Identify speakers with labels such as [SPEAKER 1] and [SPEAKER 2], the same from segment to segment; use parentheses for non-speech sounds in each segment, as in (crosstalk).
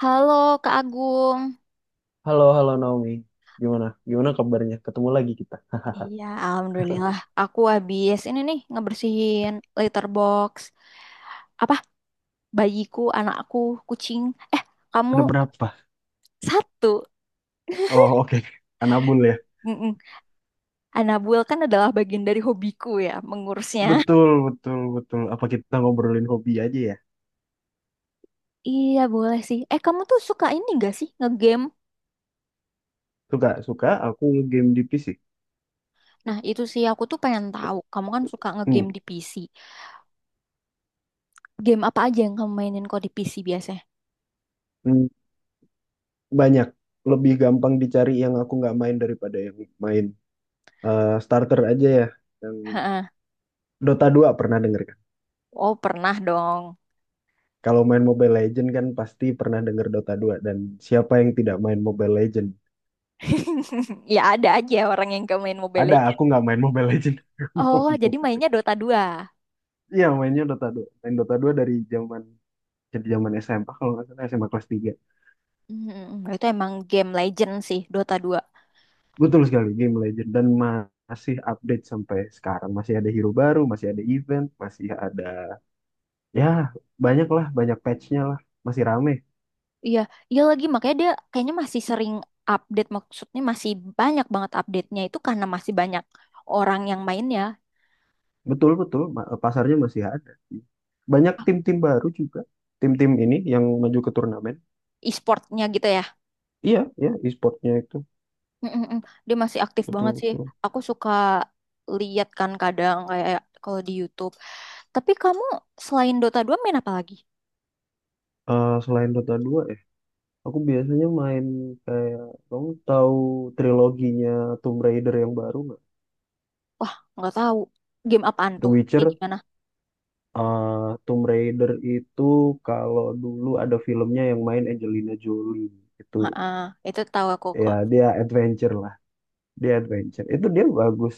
[SPEAKER 1] Halo Kak Agung.
[SPEAKER 2] Halo, halo Naomi. Gimana? Gimana kabarnya? Ketemu lagi kita.
[SPEAKER 1] Iya, alhamdulillah. Aku habis ini nih ngebersihin litter box. Apa? Bayiku, anakku, kucing. Eh,
[SPEAKER 2] (laughs)
[SPEAKER 1] kamu
[SPEAKER 2] Ada berapa?
[SPEAKER 1] satu.
[SPEAKER 2] Oh, oke. Anabul ya.
[SPEAKER 1] Mm-mm. Anabuel kan adalah bagian dari hobiku ya, mengurusnya.
[SPEAKER 2] Betul, betul, betul. Apa kita ngobrolin hobi aja ya?
[SPEAKER 1] Iya boleh sih. Eh kamu tuh suka ini gak sih ngegame?
[SPEAKER 2] Suka, suka. Aku game di PC.
[SPEAKER 1] Nah itu sih aku tuh pengen tahu. Kamu kan suka ngegame
[SPEAKER 2] Hmm.
[SPEAKER 1] di PC. Game apa aja yang kamu mainin kok di PC biasanya?
[SPEAKER 2] Hmm. Banyak. Lebih gampang dicari yang aku nggak main daripada yang main, starter aja ya. Yang
[SPEAKER 1] Heeh.
[SPEAKER 2] Dota 2 pernah denger kan?
[SPEAKER 1] Oh, pernah dong.
[SPEAKER 2] Kalau main Mobile Legend kan pasti pernah denger Dota 2. Dan siapa yang tidak main Mobile Legend?
[SPEAKER 1] (laughs) Ya ada aja orang yang gak main Mobile
[SPEAKER 2] Ada, aku
[SPEAKER 1] Legends.
[SPEAKER 2] nggak main Mobile Legend. (laughs) Aku nggak
[SPEAKER 1] Oh,
[SPEAKER 2] main
[SPEAKER 1] jadi
[SPEAKER 2] Mobile
[SPEAKER 1] mainnya
[SPEAKER 2] Legend.
[SPEAKER 1] Dota 2.
[SPEAKER 2] Iya, mainnya Dota 2. Main Dota 2 dari zaman, jadi zaman SMA kalau nggak salah, SMA kelas tiga.
[SPEAKER 1] Hmm, itu emang game legend sih, Dota 2.
[SPEAKER 2] Betul sekali, game legend dan masih update sampai sekarang. Masih ada hero baru, masih ada event, masih ada, ya, banyak lah, banyak patchnya lah. Masih rame.
[SPEAKER 1] Iya, iya, lagi makanya dia kayaknya masih sering update, maksudnya masih banyak banget update-nya itu karena masih banyak orang yang main ya,
[SPEAKER 2] Betul, betul, pasarnya masih ada. Banyak tim-tim baru juga. Tim-tim ini yang maju ke turnamen.
[SPEAKER 1] e-sportnya gitu ya.
[SPEAKER 2] Iya, iya, e-sportnya itu
[SPEAKER 1] Hmm, dia masih aktif
[SPEAKER 2] betul,
[SPEAKER 1] banget sih.
[SPEAKER 2] betul.
[SPEAKER 1] Aku suka lihat kan kadang kayak kalau di YouTube. Tapi kamu selain Dota 2 main apa lagi?
[SPEAKER 2] Selain Dota 2, aku biasanya main, kayak, kamu tahu triloginya Tomb Raider yang baru nggak?
[SPEAKER 1] Nggak tahu. Game apaan
[SPEAKER 2] The
[SPEAKER 1] tuh? Kayak
[SPEAKER 2] Witcher,
[SPEAKER 1] gimana?
[SPEAKER 2] eh Tomb Raider itu, kalau dulu ada filmnya yang main Angelina Jolie itu,
[SPEAKER 1] Ha, itu tahu aku
[SPEAKER 2] ya
[SPEAKER 1] kok.
[SPEAKER 2] dia adventure lah, dia adventure. Itu dia bagus.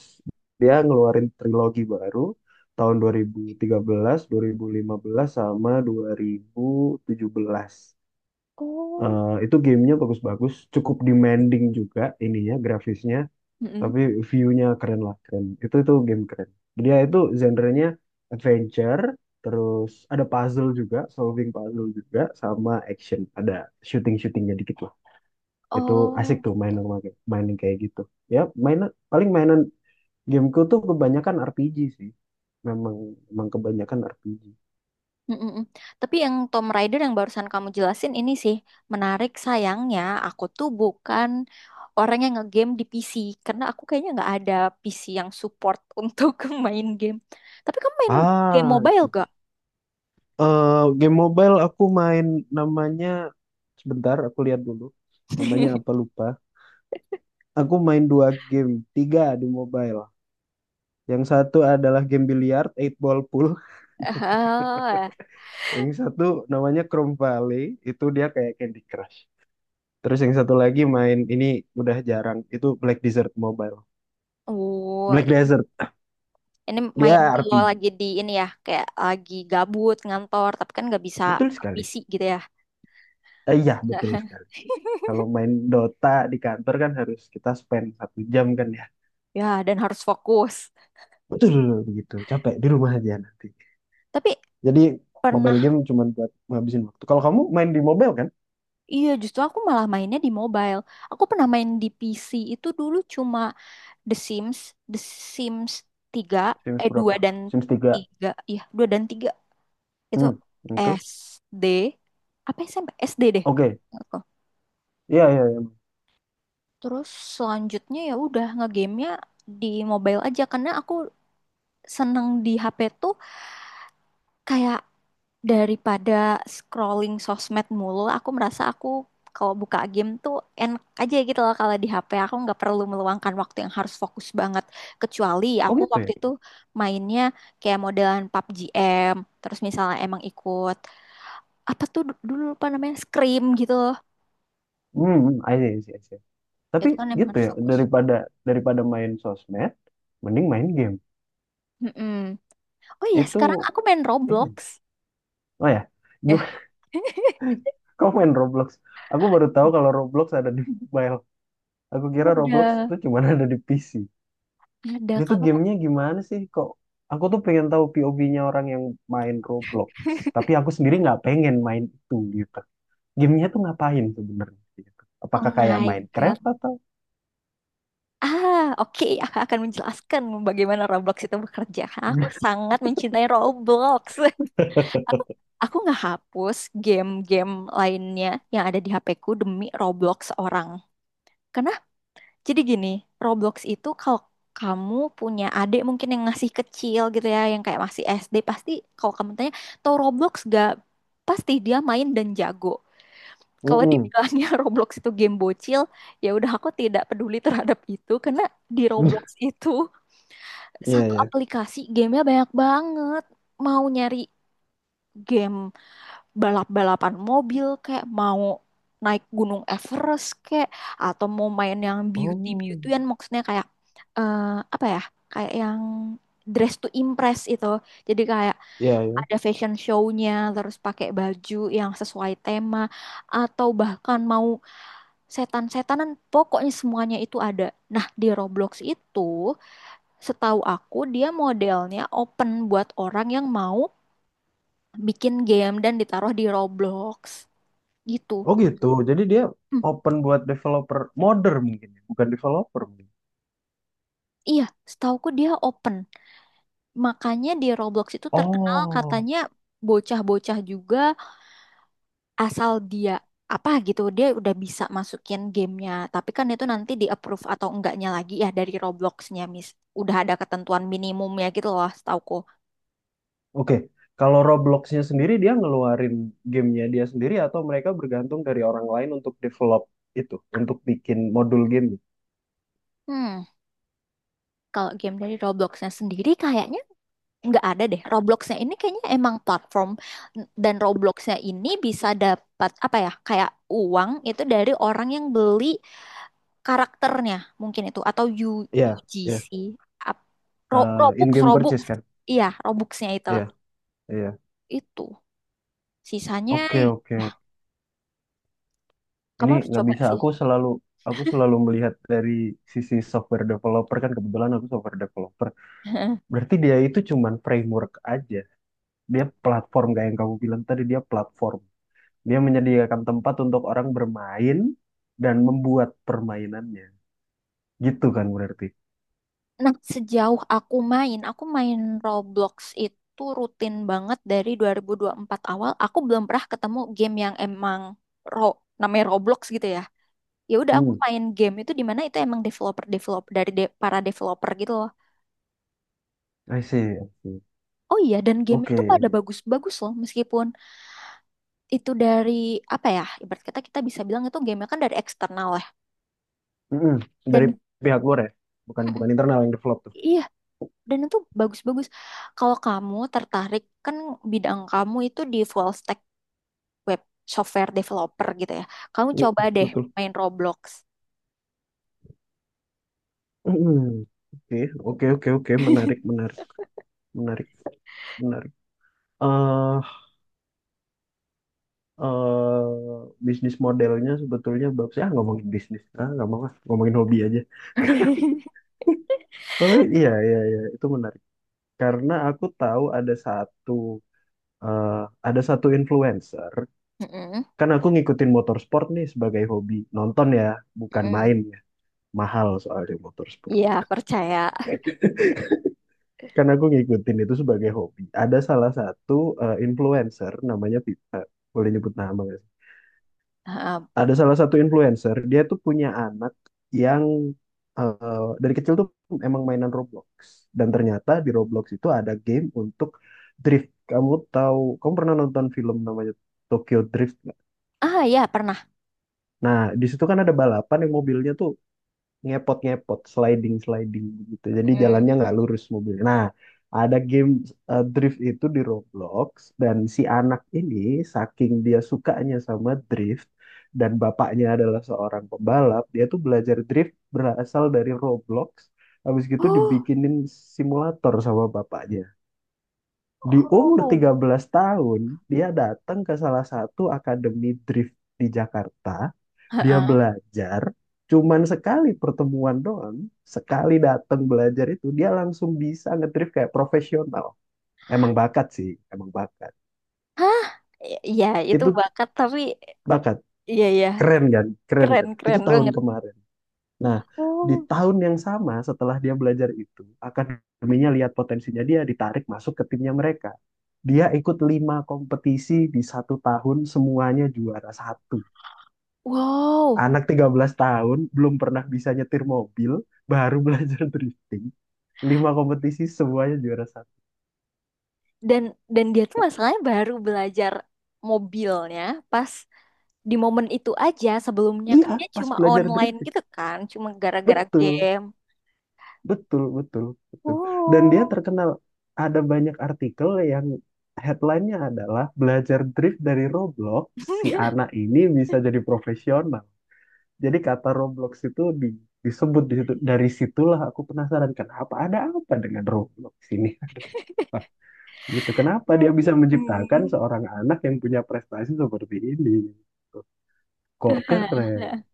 [SPEAKER 2] Dia ngeluarin trilogi baru tahun dua dua ribu ribu tiga belas, 2015, sama 2017.
[SPEAKER 1] Oh,
[SPEAKER 2] Itu gamenya bagus-bagus, cukup demanding juga ininya grafisnya,
[SPEAKER 1] mm-mm.
[SPEAKER 2] tapi view-nya keren lah, keren, itu game keren. Dia itu genre-nya adventure, terus ada puzzle juga, solving puzzle juga, sama action, ada shooting shootingnya dikit lah. Itu asik
[SPEAKER 1] Oh,
[SPEAKER 2] tuh main
[SPEAKER 1] gitu.
[SPEAKER 2] main kayak gitu, ya mainan, paling mainan gameku tuh kebanyakan RPG sih, memang memang kebanyakan RPG.
[SPEAKER 1] Mm-mm. Tapi yang Tom Raider yang barusan kamu jelasin ini sih menarik. Sayangnya aku tuh bukan orang yang ngegame di PC karena aku kayaknya nggak ada PC yang support (laughs) untuk main game. Tapi kamu main game
[SPEAKER 2] Ah,
[SPEAKER 1] mobile
[SPEAKER 2] sih.
[SPEAKER 1] gak?
[SPEAKER 2] Game mobile aku main, namanya, sebentar aku lihat dulu, namanya apa
[SPEAKER 1] (laughs)
[SPEAKER 2] lupa. Aku main dua game, tiga di mobile. Yang satu adalah game biliar, eight ball pool.
[SPEAKER 1] Ah,
[SPEAKER 2] Yang satu namanya Chrome Valley, itu dia kayak Candy Crush. Terus yang satu lagi main ini udah jarang, itu Black Desert Mobile.
[SPEAKER 1] oh,
[SPEAKER 2] Black Desert,
[SPEAKER 1] ini main
[SPEAKER 2] dia
[SPEAKER 1] kalau
[SPEAKER 2] RPG.
[SPEAKER 1] lagi di ini ya, kayak lagi gabut ngantor tapi kan nggak bisa
[SPEAKER 2] Betul sekali.
[SPEAKER 1] PC gitu ya.
[SPEAKER 2] Iya, betul sekali.
[SPEAKER 1] (laughs)
[SPEAKER 2] Kalau main Dota di kantor kan harus kita spend 1 jam kan, ya.
[SPEAKER 1] Ya, dan harus fokus.
[SPEAKER 2] Betul, begitu. Capek di rumah aja nanti.
[SPEAKER 1] Tapi
[SPEAKER 2] Jadi
[SPEAKER 1] pernah.
[SPEAKER 2] mobile game cuma buat ngabisin waktu. Kalau kamu main di mobile kan?
[SPEAKER 1] Iya, justru aku malah mainnya di mobile. Aku pernah main di PC itu dulu cuma The Sims, The Sims tiga
[SPEAKER 2] Sims
[SPEAKER 1] eh 2
[SPEAKER 2] berapa?
[SPEAKER 1] dan
[SPEAKER 2] Sims 3.
[SPEAKER 1] 3, iya, 2 dan tiga. Itu
[SPEAKER 2] Hmm, oke.
[SPEAKER 1] SD. Apa SMP? SD deh.
[SPEAKER 2] Oke.
[SPEAKER 1] Aku.
[SPEAKER 2] Iya, iya, iya.
[SPEAKER 1] Terus selanjutnya ya udah ngegame-nya di mobile aja karena aku seneng di HP tuh kayak daripada scrolling sosmed mulu, aku merasa aku kalau buka game tuh enak aja gitu loh, kalau di HP aku nggak perlu meluangkan waktu yang harus fokus banget. Kecuali
[SPEAKER 2] Oh
[SPEAKER 1] aku
[SPEAKER 2] gitu
[SPEAKER 1] waktu
[SPEAKER 2] ya.
[SPEAKER 1] itu mainnya kayak modelan PUBG M, terus misalnya emang ikut apa tuh dulu lupa namanya Scream gitu loh,
[SPEAKER 2] Hmm, hmm, I see, I see, I see. Tapi
[SPEAKER 1] itu kan emang
[SPEAKER 2] gitu
[SPEAKER 1] harus
[SPEAKER 2] ya,
[SPEAKER 1] fokus.
[SPEAKER 2] daripada daripada main sosmed, mending main game.
[SPEAKER 1] Mm-mm. Oh iya sekarang
[SPEAKER 2] Itu,
[SPEAKER 1] aku main Roblox
[SPEAKER 2] ini. Oh ya,
[SPEAKER 1] ya.
[SPEAKER 2] gimana?
[SPEAKER 1] (laughs)
[SPEAKER 2] (laughs) Kau main Roblox? Aku baru tahu kalau Roblox ada di mobile. Aku kira Roblox
[SPEAKER 1] ada
[SPEAKER 2] itu cuma (laughs) ada di PC.
[SPEAKER 1] ada
[SPEAKER 2] Dia tuh
[SPEAKER 1] kamu.
[SPEAKER 2] gamenya gimana sih? Kok aku tuh pengen tahu POV-nya orang yang main Roblox. Tapi aku sendiri nggak pengen main itu gitu. Gamenya tuh ngapain sebenarnya, gitu?
[SPEAKER 1] Oh
[SPEAKER 2] Apakah kayak
[SPEAKER 1] my God.
[SPEAKER 2] Minecraft atau?
[SPEAKER 1] Ah, oke, aku akan menjelaskan bagaimana Roblox itu bekerja. Karena aku sangat mencintai Roblox. (laughs) Aku
[SPEAKER 2] (laughs)
[SPEAKER 1] aku nggak hapus game-game lainnya yang ada di HP-ku demi Roblox orang. Karena jadi gini, Roblox itu kalau kamu punya adik mungkin yang masih kecil gitu ya, yang kayak masih SD, pasti kalau kamu tanya, tau Roblox gak? Pasti dia main dan jago. Kalau
[SPEAKER 2] Mm-mm.
[SPEAKER 1] dibilangnya (laughs) Roblox itu game bocil, ya udah aku tidak peduli terhadap itu karena di Roblox itu
[SPEAKER 2] Iya,
[SPEAKER 1] satu
[SPEAKER 2] iya.
[SPEAKER 1] aplikasi gamenya banyak banget. Mau nyari game balap-balapan mobil, kayak mau naik gunung Everest, kayak atau mau main yang beauty
[SPEAKER 2] Oh.
[SPEAKER 1] beautyan, maksudnya kayak eh, apa ya kayak yang dress to impress itu, jadi kayak
[SPEAKER 2] Iya, iya.
[SPEAKER 1] ada fashion show-nya terus pakai baju yang sesuai tema, atau bahkan mau setan-setanan, pokoknya semuanya itu ada. Nah di Roblox itu setahu aku dia modelnya open buat orang yang mau bikin game dan ditaruh di Roblox gitu.
[SPEAKER 2] Oh gitu. Jadi dia
[SPEAKER 1] Hmm,
[SPEAKER 2] open buat developer modder mungkin, ya? Bukan developer mungkin.
[SPEAKER 1] iya, setahuku dia open. Makanya di Roblox itu terkenal
[SPEAKER 2] Oh,
[SPEAKER 1] katanya bocah-bocah juga asal dia apa gitu dia udah bisa masukin gamenya. Tapi kan itu nanti di approve atau enggaknya lagi ya dari Robloxnya, Miss. Udah ada ketentuan minimumnya gitu loh, setahuku.
[SPEAKER 2] oke. Kalau Robloxnya sendiri dia ngeluarin gamenya dia sendiri, atau mereka bergantung dari orang lain untuk develop itu, untuk bikin modul game.
[SPEAKER 1] Hmm, kalau game dari Robloxnya sendiri kayaknya nggak ada deh. Robloxnya ini kayaknya emang platform, dan Robloxnya ini bisa dapat apa ya kayak uang itu dari orang yang beli karakternya mungkin. Itu atau
[SPEAKER 2] Iya, iya.
[SPEAKER 1] UGC, Ap-
[SPEAKER 2] Eh,
[SPEAKER 1] Robux
[SPEAKER 2] in-game
[SPEAKER 1] Robux,
[SPEAKER 2] purchase kan?
[SPEAKER 1] iya Robuxnya itu
[SPEAKER 2] Iya, iya.
[SPEAKER 1] itu sisanya.
[SPEAKER 2] Oke, oke, oke.
[SPEAKER 1] Kamu
[SPEAKER 2] Ini
[SPEAKER 1] harus
[SPEAKER 2] nggak
[SPEAKER 1] coba
[SPEAKER 2] bisa.
[SPEAKER 1] sih.
[SPEAKER 2] Aku selalu melihat dari sisi software developer, kan kebetulan aku software developer.
[SPEAKER 1] (laughs)
[SPEAKER 2] Berarti dia itu cuman framework aja. Dia platform, kayak yang kamu bilang tadi, dia platform, dia menyediakan tempat untuk orang bermain dan membuat permainannya, gitu kan berarti.
[SPEAKER 1] Nah sejauh aku main Roblox itu rutin banget dari dua ribu empat awal, aku belum pernah ketemu game yang emang ro namanya Roblox gitu ya. Ya udah aku
[SPEAKER 2] Hmm,
[SPEAKER 1] main game itu di mana itu emang developer developer dari para developer gitu loh.
[SPEAKER 2] I see, I see.
[SPEAKER 1] Oh iya dan game itu pada
[SPEAKER 2] Oke.
[SPEAKER 1] bagus-bagus loh meskipun itu dari, apa ya, ibarat kata kita bisa bilang itu game kan dari eksternal ya,
[SPEAKER 2] Mm-mm. Dari
[SPEAKER 1] dan
[SPEAKER 2] pihak luar, ya, bukan
[SPEAKER 1] Mm-mm,
[SPEAKER 2] bukan internal yang develop tuh.
[SPEAKER 1] iya, dan itu bagus-bagus. Kalau kamu tertarik kan bidang kamu itu di full stack web software developer gitu ya, kamu
[SPEAKER 2] Mm,
[SPEAKER 1] coba deh
[SPEAKER 2] betul.
[SPEAKER 1] main Roblox.
[SPEAKER 2] Mm-mm. Oke, oke, oke, oke, menarik,
[SPEAKER 1] (laughs)
[SPEAKER 2] menarik, menarik, menarik. Eh eh, bisnis modelnya sebetulnya, Babs ya ngomongin bisnis, ah nggak mau, ah ngomongin hobi aja.
[SPEAKER 1] Mm-mm.
[SPEAKER 2] Tapi iya, iya, iya, itu menarik. Karena aku tahu ada satu, eh, ada satu influencer. Kan aku ngikutin motorsport nih sebagai hobi. Nonton ya, bukan
[SPEAKER 1] Mm-mm.
[SPEAKER 2] main ya. Mahal soalnya motorsport.
[SPEAKER 1] Iya percaya.
[SPEAKER 2] Kan aku ngikutin itu sebagai hobi. Ada salah satu, influencer namanya Vita. Boleh nyebut nama nggak?
[SPEAKER 1] Um,
[SPEAKER 2] Ada salah satu influencer, dia tuh punya anak yang, dari kecil tuh emang mainan Roblox. Dan ternyata di Roblox itu ada game untuk drift. Kamu tahu, kamu pernah nonton film namanya Tokyo Drift nggak?
[SPEAKER 1] ah ya pernah.
[SPEAKER 2] Nah di situ kan ada balapan yang mobilnya tuh ngepot ngepot, sliding sliding gitu, jadi jalannya nggak lurus mobilnya, nah ada game, drift itu di Roblox. Dan si anak ini, saking dia sukanya sama drift, dan bapaknya adalah seorang pembalap, dia tuh belajar drift berasal dari Roblox. Habis gitu dibikinin simulator sama bapaknya, di umur
[SPEAKER 1] Oh.
[SPEAKER 2] 13 tahun dia datang ke salah satu akademi drift di Jakarta. Dia
[SPEAKER 1] Heeh.
[SPEAKER 2] belajar cuman sekali pertemuan doang, sekali datang belajar itu dia langsung bisa ngedrift kayak profesional. Emang bakat sih, emang bakat.
[SPEAKER 1] Hah? Ya, itu
[SPEAKER 2] Itu
[SPEAKER 1] bakat tapi
[SPEAKER 2] bakat,
[SPEAKER 1] ya, ya,
[SPEAKER 2] keren kan, keren kan. Itu
[SPEAKER 1] keren-keren
[SPEAKER 2] tahun
[SPEAKER 1] banget.
[SPEAKER 2] kemarin. Nah, di
[SPEAKER 1] Oh.
[SPEAKER 2] tahun yang sama setelah dia belajar itu, akademinya lihat potensinya, dia ditarik masuk ke timnya mereka. Dia ikut lima kompetisi di satu tahun, semuanya juara satu.
[SPEAKER 1] Wow.
[SPEAKER 2] Anak 13 tahun belum pernah bisa nyetir mobil, baru (laughs) belajar drifting. Lima kompetisi semuanya juara satu.
[SPEAKER 1] Dan dan dia tuh masalahnya baru belajar mobilnya pas di momen itu aja. Sebelumnya
[SPEAKER 2] Iya,
[SPEAKER 1] kan dia
[SPEAKER 2] pas
[SPEAKER 1] cuma
[SPEAKER 2] belajar
[SPEAKER 1] online
[SPEAKER 2] drifting.
[SPEAKER 1] gitu kan, cuma gara-gara
[SPEAKER 2] Betul,
[SPEAKER 1] game.
[SPEAKER 2] betul, betul, betul. Dan
[SPEAKER 1] Oh.
[SPEAKER 2] dia terkenal, ada banyak artikel yang headline-nya adalah belajar drift dari Roblox, si
[SPEAKER 1] (laughs)
[SPEAKER 2] anak ini bisa jadi profesional. Jadi kata Roblox itu disebut di situ. Dari situlah aku penasaran, kenapa ada apa dengan Roblox ini. (laughs) Ada apa? Gitu. Kenapa dia bisa menciptakan
[SPEAKER 1] Hmm.
[SPEAKER 2] seorang anak yang punya prestasi seperti ini? Gitu. Kok keren
[SPEAKER 1] (laughs)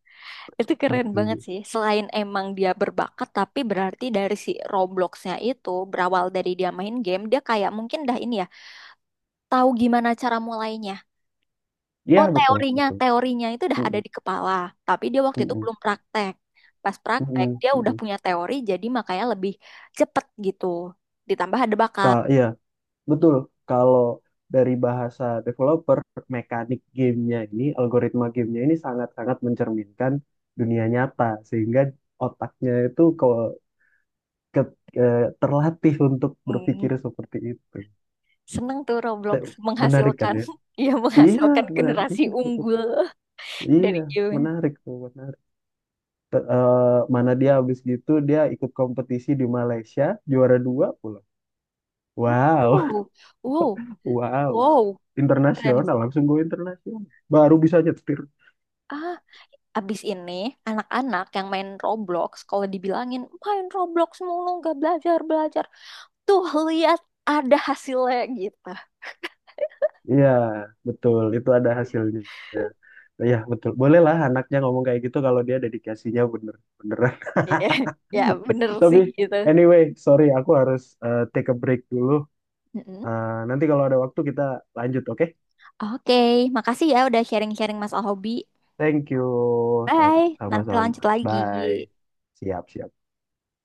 [SPEAKER 1] Itu keren banget
[SPEAKER 2] gitu.
[SPEAKER 1] sih. Selain emang dia berbakat, tapi berarti dari si Robloxnya itu berawal dari dia main game, dia kayak mungkin dah ini ya, tahu gimana cara mulainya.
[SPEAKER 2] Iya,
[SPEAKER 1] Oh,
[SPEAKER 2] betul,
[SPEAKER 1] teorinya,
[SPEAKER 2] betul.
[SPEAKER 1] teorinya itu udah ada
[SPEAKER 2] Mm-mm,
[SPEAKER 1] di kepala, tapi dia waktu itu
[SPEAKER 2] mm-mm,
[SPEAKER 1] belum praktek. Pas praktek,
[SPEAKER 2] mm-mm,
[SPEAKER 1] dia udah
[SPEAKER 2] betul.
[SPEAKER 1] punya teori, jadi makanya lebih cepet gitu. Ditambah ada bakat.
[SPEAKER 2] Iya, betul. Kalau dari bahasa developer, mekanik gamenya ini, algoritma gamenya ini sangat-sangat mencerminkan dunia nyata, sehingga otaknya itu ke- eh, terlatih untuk berpikir
[SPEAKER 1] Hmm,
[SPEAKER 2] seperti itu.
[SPEAKER 1] seneng tuh Roblox
[SPEAKER 2] Te- Menarik kan
[SPEAKER 1] menghasilkan,
[SPEAKER 2] ya?
[SPEAKER 1] (laughs) ya
[SPEAKER 2] Iya,
[SPEAKER 1] menghasilkan
[SPEAKER 2] menarik.
[SPEAKER 1] generasi
[SPEAKER 2] Iya,
[SPEAKER 1] unggul
[SPEAKER 2] betul.
[SPEAKER 1] (laughs)
[SPEAKER 2] Iya,
[SPEAKER 1] dari game.
[SPEAKER 2] menarik tuh, menarik. Mana dia habis gitu dia ikut kompetisi di Malaysia, juara dua pula. Wow.
[SPEAKER 1] Wow, wow,
[SPEAKER 2] Wow,
[SPEAKER 1] wow. Keren.
[SPEAKER 2] internasional langsung go internasional. Baru bisa nyetir.
[SPEAKER 1] Ah, abis ini anak-anak yang main Roblox, kalau dibilangin main Roblox mulu nggak belajar belajar, tuh lihat ada hasilnya gitu.
[SPEAKER 2] Iya, betul. Itu ada hasilnya. Ya, betul. Bolehlah anaknya ngomong kayak gitu kalau dia dedikasinya bener beneran.
[SPEAKER 1] Iya, (laughs) ya
[SPEAKER 2] (laughs)
[SPEAKER 1] bener
[SPEAKER 2] Tapi
[SPEAKER 1] sih gitu.
[SPEAKER 2] anyway, sorry aku harus, take a break dulu.
[SPEAKER 1] Mm-mm.
[SPEAKER 2] Nanti kalau ada waktu kita lanjut, oke?
[SPEAKER 1] Oke, makasih ya udah sharing-sharing masalah hobi.
[SPEAKER 2] Thank you.
[SPEAKER 1] Bye, nanti lanjut
[SPEAKER 2] Sama-sama. Bye.
[SPEAKER 1] lagi.
[SPEAKER 2] Siap, siap.